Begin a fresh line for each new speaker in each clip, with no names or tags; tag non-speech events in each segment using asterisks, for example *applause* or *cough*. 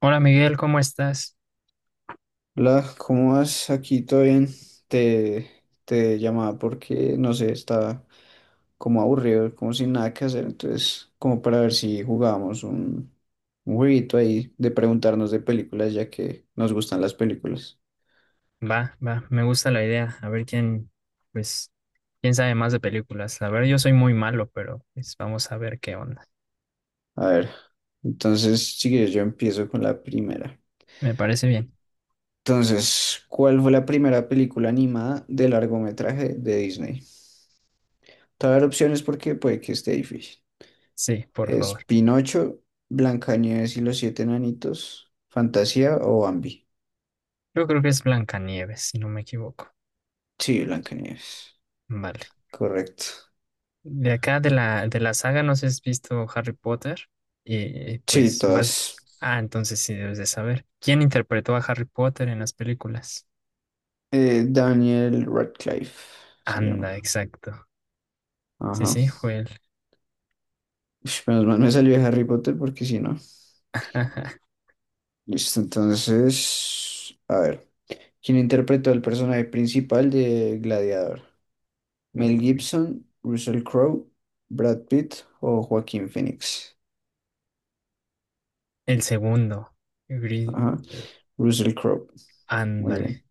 Hola Miguel, ¿cómo estás?
Hola, ¿cómo vas? Aquí todo bien. Te, te llamaba porque, no sé, estaba como aburrido, como sin nada que hacer. Entonces, como para ver si jugábamos un jueguito ahí de preguntarnos de películas, ya que nos gustan las películas.
Va, me gusta la idea. A ver pues, quién sabe más de películas. A ver, yo soy muy malo, pero pues vamos a ver qué onda.
A ver, entonces, si quieres, yo empiezo con la primera.
Me parece bien.
Entonces, ¿cuál fue la primera película animada de largometraje de Disney? Te voy a dar opciones porque puede que esté difícil.
Sí, por
¿Es
favor.
Pinocho, Blancanieves y los siete enanitos, Fantasía o Bambi?
Yo creo que es Blancanieves, si no me equivoco.
Sí, Blancanieves.
Vale.
Correcto.
De acá de la saga, no sé si has visto Harry Potter. Y
Sí,
pues vas.
todas.
Ah, entonces sí debes de saber. ¿Quién interpretó a Harry Potter en las películas?
Daniel Radcliffe se llama.
Anda, exacto. Sí,
Ajá.
sí, fue él.
Ush, menos mal me salió de Harry Potter porque si no.
*laughs*
Listo, entonces. A ver. ¿Quién interpretó el personaje principal de Gladiador? Mel
Uy.
Gibson, Russell Crowe, Brad Pitt o Joaquín Phoenix.
El segundo, gris,
Ajá. Russell Crowe. Muy bien.
ándale.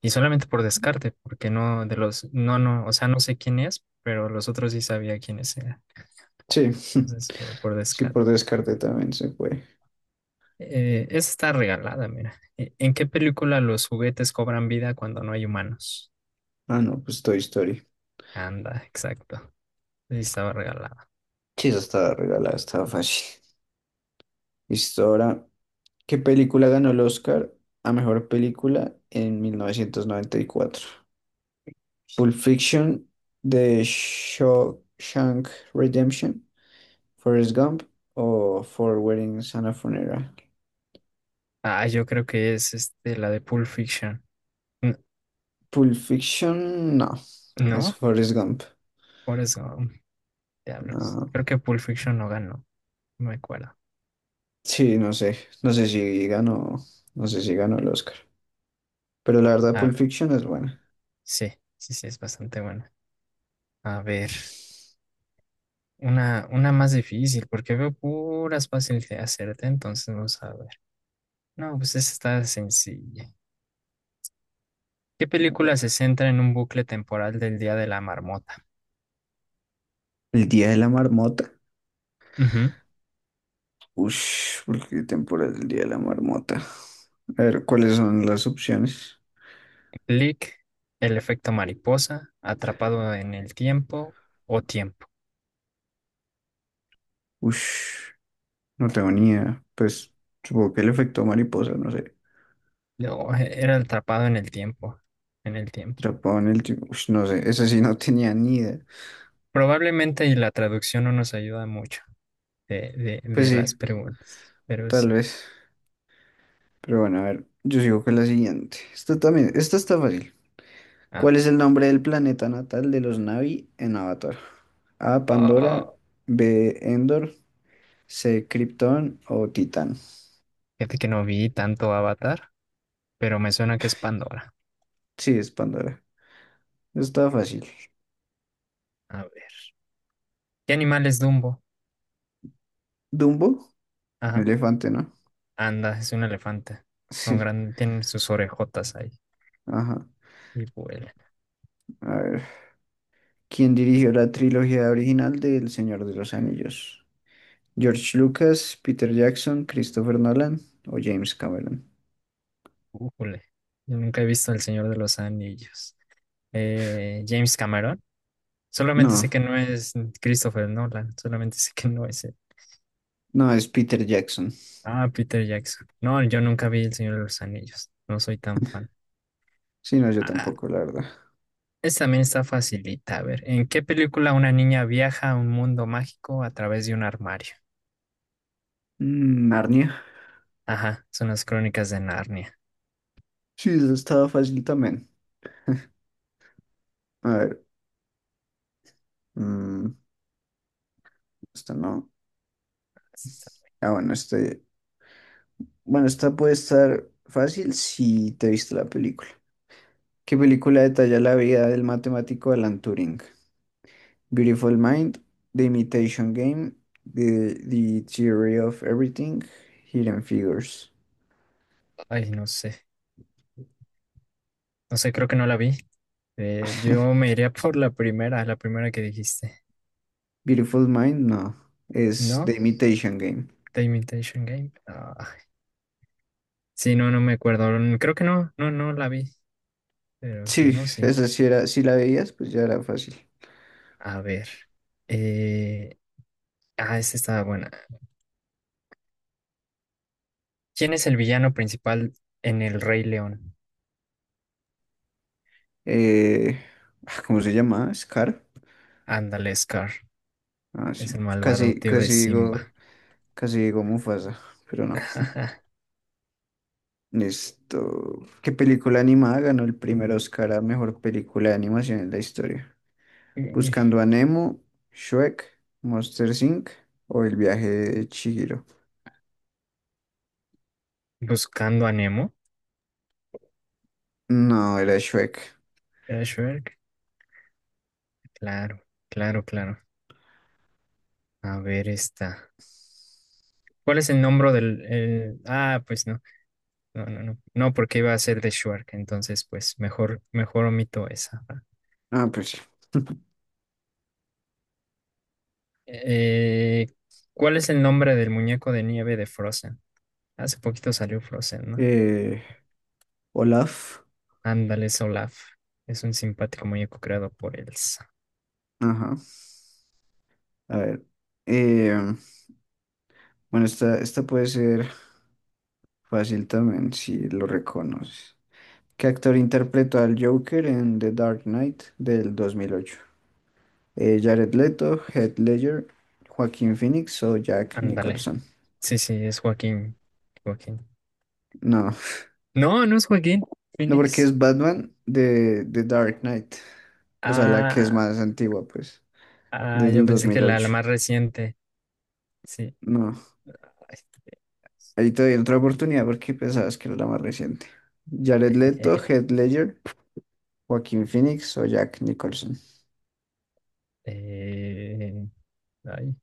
Y solamente por descarte, porque no, o sea, no sé quién es, pero los otros sí sabía quiénes eran.
Sí. *laughs*
Entonces, por
Sí,
descarte.
por descarte también se fue.
Esa está regalada, mira. ¿En qué película los juguetes cobran vida cuando no hay humanos?
Ah, no, pues Toy Story.
Anda, exacto. Sí, estaba regalada.
Sí, esa estaba regalada, estaba fácil. Listo, ahora, ¿qué película ganó el Oscar a mejor película en 1994? Pulp Fiction, The Shawshank Redemption, Forrest Gump o Four Weddings and a Funeral.
Ah, yo creo que es este, la de Pulp Fiction. N-
Pulp Fiction, no, es
¿No?
Forrest Gump.
Por eso, diablos.
Ah,
Creo que Pulp Fiction no ganó, no me acuerdo.
sí, no sé, no sé si ganó, no sé si ganó el Oscar, pero la verdad Pulp
Ah,
Fiction es buena.
sí, sí, sí, es bastante buena. A ver. Una más difícil, porque veo puras fáciles de hacerte, entonces vamos a ver. No, pues esta está sencilla. ¿Qué película se centra en un bucle temporal del Día de la Marmota?
El día de la marmota.
Ujú.
Ush, ¿por qué temporada es el día de la marmota? A ver, ¿cuáles son las opciones?
Click, El efecto mariposa, Atrapado en el tiempo o Tiempo.
Ush, no tengo ni idea. Pues supongo que el efecto mariposa, no sé.
No, era atrapado en el tiempo.
Atrapado en el tiempo. Ush, no sé, esa sí *laughs* no tenía ni idea.
Probablemente y la traducción no nos ayuda mucho de, de,
Pues
de
sí,
las preguntas, pero
tal
sí.
vez. Pero bueno, a ver, yo sigo con la siguiente. Esta también, esta está fácil.
A
¿Cuál es
ver.
el nombre del planeta natal de los Na'vi en Avatar? A, Pandora,
Oh,
B, Endor, C, Krypton o Titán.
fíjate que no vi tanto Avatar, pero me suena que es Pandora.
Sí, es Pandora. Está fácil.
A ver. ¿Qué animal es Dumbo?
Dumbo,
Ajá.
elefante, ¿no?
Anda, es un elefante. Con
Sí,
gran... Tiene sus orejotas ahí.
ajá.
Y vuela.
A ver. ¿Quién dirigió la trilogía original de El Señor de los Anillos? ¿George Lucas, Peter Jackson, Christopher Nolan o James Cameron?
Ujule. Yo nunca he visto El Señor de los Anillos. James Cameron. Solamente sé
No,
que no es Christopher Nolan. Solamente sé que no es él.
no es Peter Jackson.
Ah, Peter Jackson. No, yo nunca vi El Señor de los Anillos. No soy tan fan.
Sí, no, yo
Ah,
tampoco, la verdad.
esta también está facilita. A ver, ¿en qué película una niña viaja a un mundo mágico a través de un armario?
Mm, Narnia.
Ajá, son las crónicas de Narnia.
Sí, eso estaba fácil también. A ver, mm, esta no. Ah, bueno, este. Bueno, esta puede estar fácil si te viste la película. ¿Qué película detalla la vida del matemático Alan Turing? Beautiful Mind, The, Imitation Game, The Theory of Everything, Hidden Figures.
Ay, no sé. No sé, creo que no la vi. Yo
*laughs*
me iría *laughs* por la primera que dijiste.
Beautiful Mind, no, es
¿No?
The Imitation Game.
The Imitation Game. Ah, sí, no, no me acuerdo. Mm, creo que no la vi. Pero si
Sí,
no, sí.
esa sí era, si la veías, pues ya era fácil.
A ver. Eh, esta estaba buena. ¿Quién es el villano principal en El Rey León?
Eh, ah, ¿cómo se llama? Scar.
Ándale, Scar.
Ah,
Es el
sí,
malvado
casi,
tío de
casi digo,
Simba.
casi digo Mufasa, pero no.
*laughs*
Esto, ¿qué película animada ganó el primer Oscar a mejor película de animación en la historia?
Uy,
Buscando a Nemo, Shrek, Monster Inc. o El viaje de Chihiro.
Buscando a Nemo.
No, era Shrek.
¿Era Shrek? Claro, claro, claro. A ver esta. ¿Cuál es el nombre del... ah, pues no, porque iba a ser de Shark, entonces pues mejor omito esa. ¿Va?
Ah, pues sí.
Eh, ¿Cuál es el nombre del muñeco de nieve de Frozen? Hace poquito salió Frozen, ¿no?
Eh, Olaf.
Ándale, es Olaf. Es un simpático muñeco creado por Elsa.
Ajá. A ver. Eh, bueno, esta puede ser fácil también si lo reconoces. ¿Qué actor interpretó al Joker en The Dark Knight del 2008? Jared Leto, Heath Ledger, Joaquin Phoenix o Jack
Ándale.
Nicholson.
Sí, es Joaquín. Joaquín.
No. *laughs*
No, no es Joaquín.
No, porque
Phoenix.
es Batman de, Dark Knight. O sea, la que es
Ah,
más antigua, pues,
ah,
del
yo
dos
pensé que
mil
la
ocho
más reciente. Sí.
No, ahí te doy otra oportunidad porque pensabas que era la más reciente. Jared Leto,
*laughs*
Heath Ledger, Joaquín Phoenix o Jack Nicholson.
Eh, ay,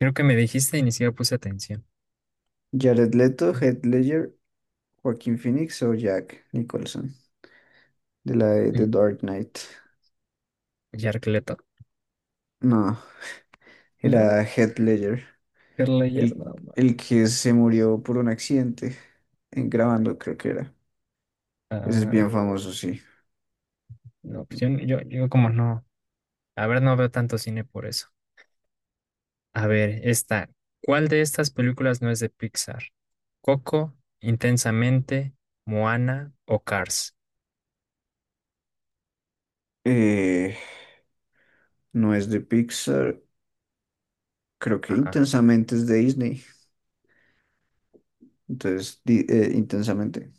creo que me dijiste y ni siquiera puse atención.
Jared Leto, Heath Ledger, Joaquín Phoenix o Jack Nicholson. De la de The
Mm,
Dark Knight.
Yarkleto.
No,
No,
era Heath Ledger.
Kerleyer,
El,
no.
el que se murió por un accidente en grabando, creo que era. Ese es bien
Ah,
famoso, sí.
no, pues yo como no. A ver, no veo tanto cine por eso. A ver, esta. ¿Cuál de estas películas no es de Pixar? ¿Coco, Intensamente, Moana o Cars?
Eh, no es de Pixar, creo que
Ajá.
Intensamente es de Disney, entonces Intensamente.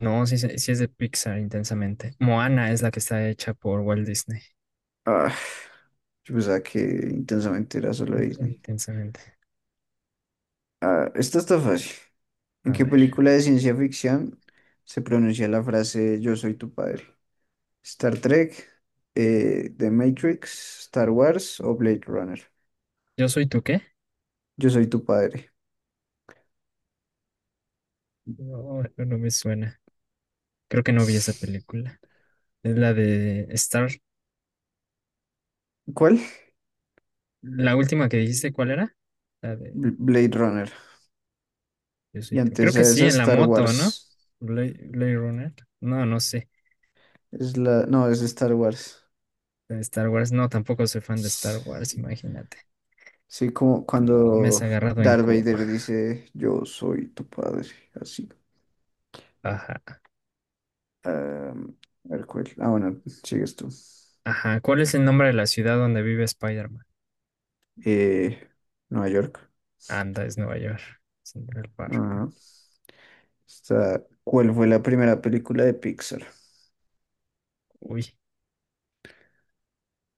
No, sí, sí es de Pixar, Intensamente. Moana es la que está hecha por Walt Disney.
Ah, yo pensaba que Intensamente era solo de Disney.
Intensamente.
Ah, esta está fácil. ¿En
A
qué
ver.
película de ciencia ficción se pronuncia la frase Yo soy tu padre? ¿Star Trek, The Matrix, Star Wars o Blade Runner?
¿Yo soy tú qué?
Yo soy tu padre.
No, no, no me suena. Creo que no vi esa
*laughs*
película. Es la de Star.
¿Cuál?
La última que dijiste, ¿cuál era? La de
Blade Runner.
Yo
Y
soy tu- Creo
antes
que
a
sí,
esa
en la
Star
moto, ¿no?
Wars.
Blade Runner. No, no sé.
Es la... No, es Star Wars.
La de Star Wars. No, tampoco soy fan de Star Wars, imagínate.
Sí, como
No, me has
cuando
agarrado en
Darth
curva.
Vader dice, yo soy tu padre, así.
Ajá.
Am, a ver, ¿cuál? Ah, bueno, sigues tú.
Ajá. ¿Cuál es el nombre de la ciudad donde vive Spider-Man?
Eh, Nueva York.
Anda, es Nueva York. Central Park.
Ajá. ¿Cuál fue la primera película de Pixar?
Uy,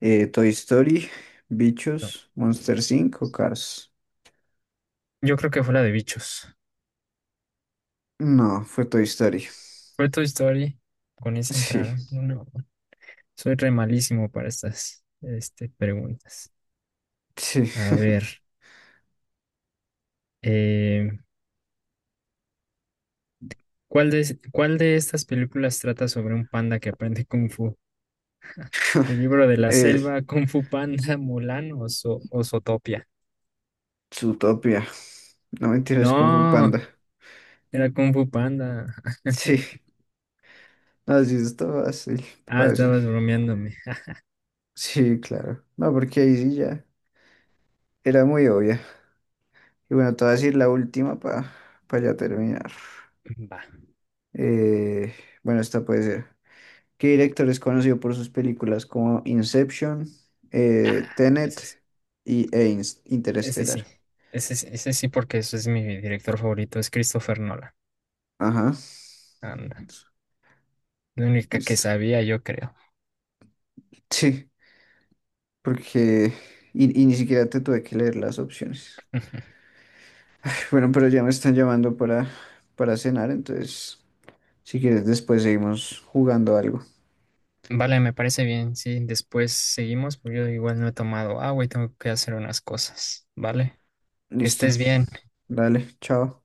Toy Story,
no.
Bichos, Monster Inc. o Cars.
Yo creo que fue la de bichos.
No, fue Toy Story.
Fue Toy Story. Con esa
Sí,
entraron. No, no. Soy re malísimo para estas este, preguntas.
sí.
A ver, eh, ¿cuál de, cuál de estas películas trata sobre un panda que aprende Kung Fu? ¿El
*laughs*
libro de la
Eh,
selva, Kung Fu Panda, *laughs* Mulan o, o Zootopia?
Zootopia. No mentiras, como
No,
Panda.
era Kung Fu Panda. *laughs*
*laughs* Sí, así es, está fácil,
Ah,
fácil.
estabas bromeándome.
Sí, claro. No, porque ahí sí ya era muy obvia. Y bueno, te voy a decir la última para ya terminar.
Va.
Eh, bueno, esta puede ser. ¿Qué director es conocido por sus películas como Inception,
Ah,
Tenet
ese sí.
y e
Ese sí.
Interestelar?
Ese sí, porque ese es mi director favorito, es Christopher Nolan.
Ajá.
Anda, la única que
Listo.
sabía, yo creo.
Sí, porque... Y ni siquiera te tuve que leer las opciones. *laughs*
*laughs*
Bueno, pero ya me están llamando para cenar, entonces, si quieres, después seguimos jugando algo.
Vale, me parece bien. Sí, después seguimos, porque yo igual no he tomado agua y tengo que hacer unas cosas. Vale, que
Listo.
estés bien.
Dale, chao.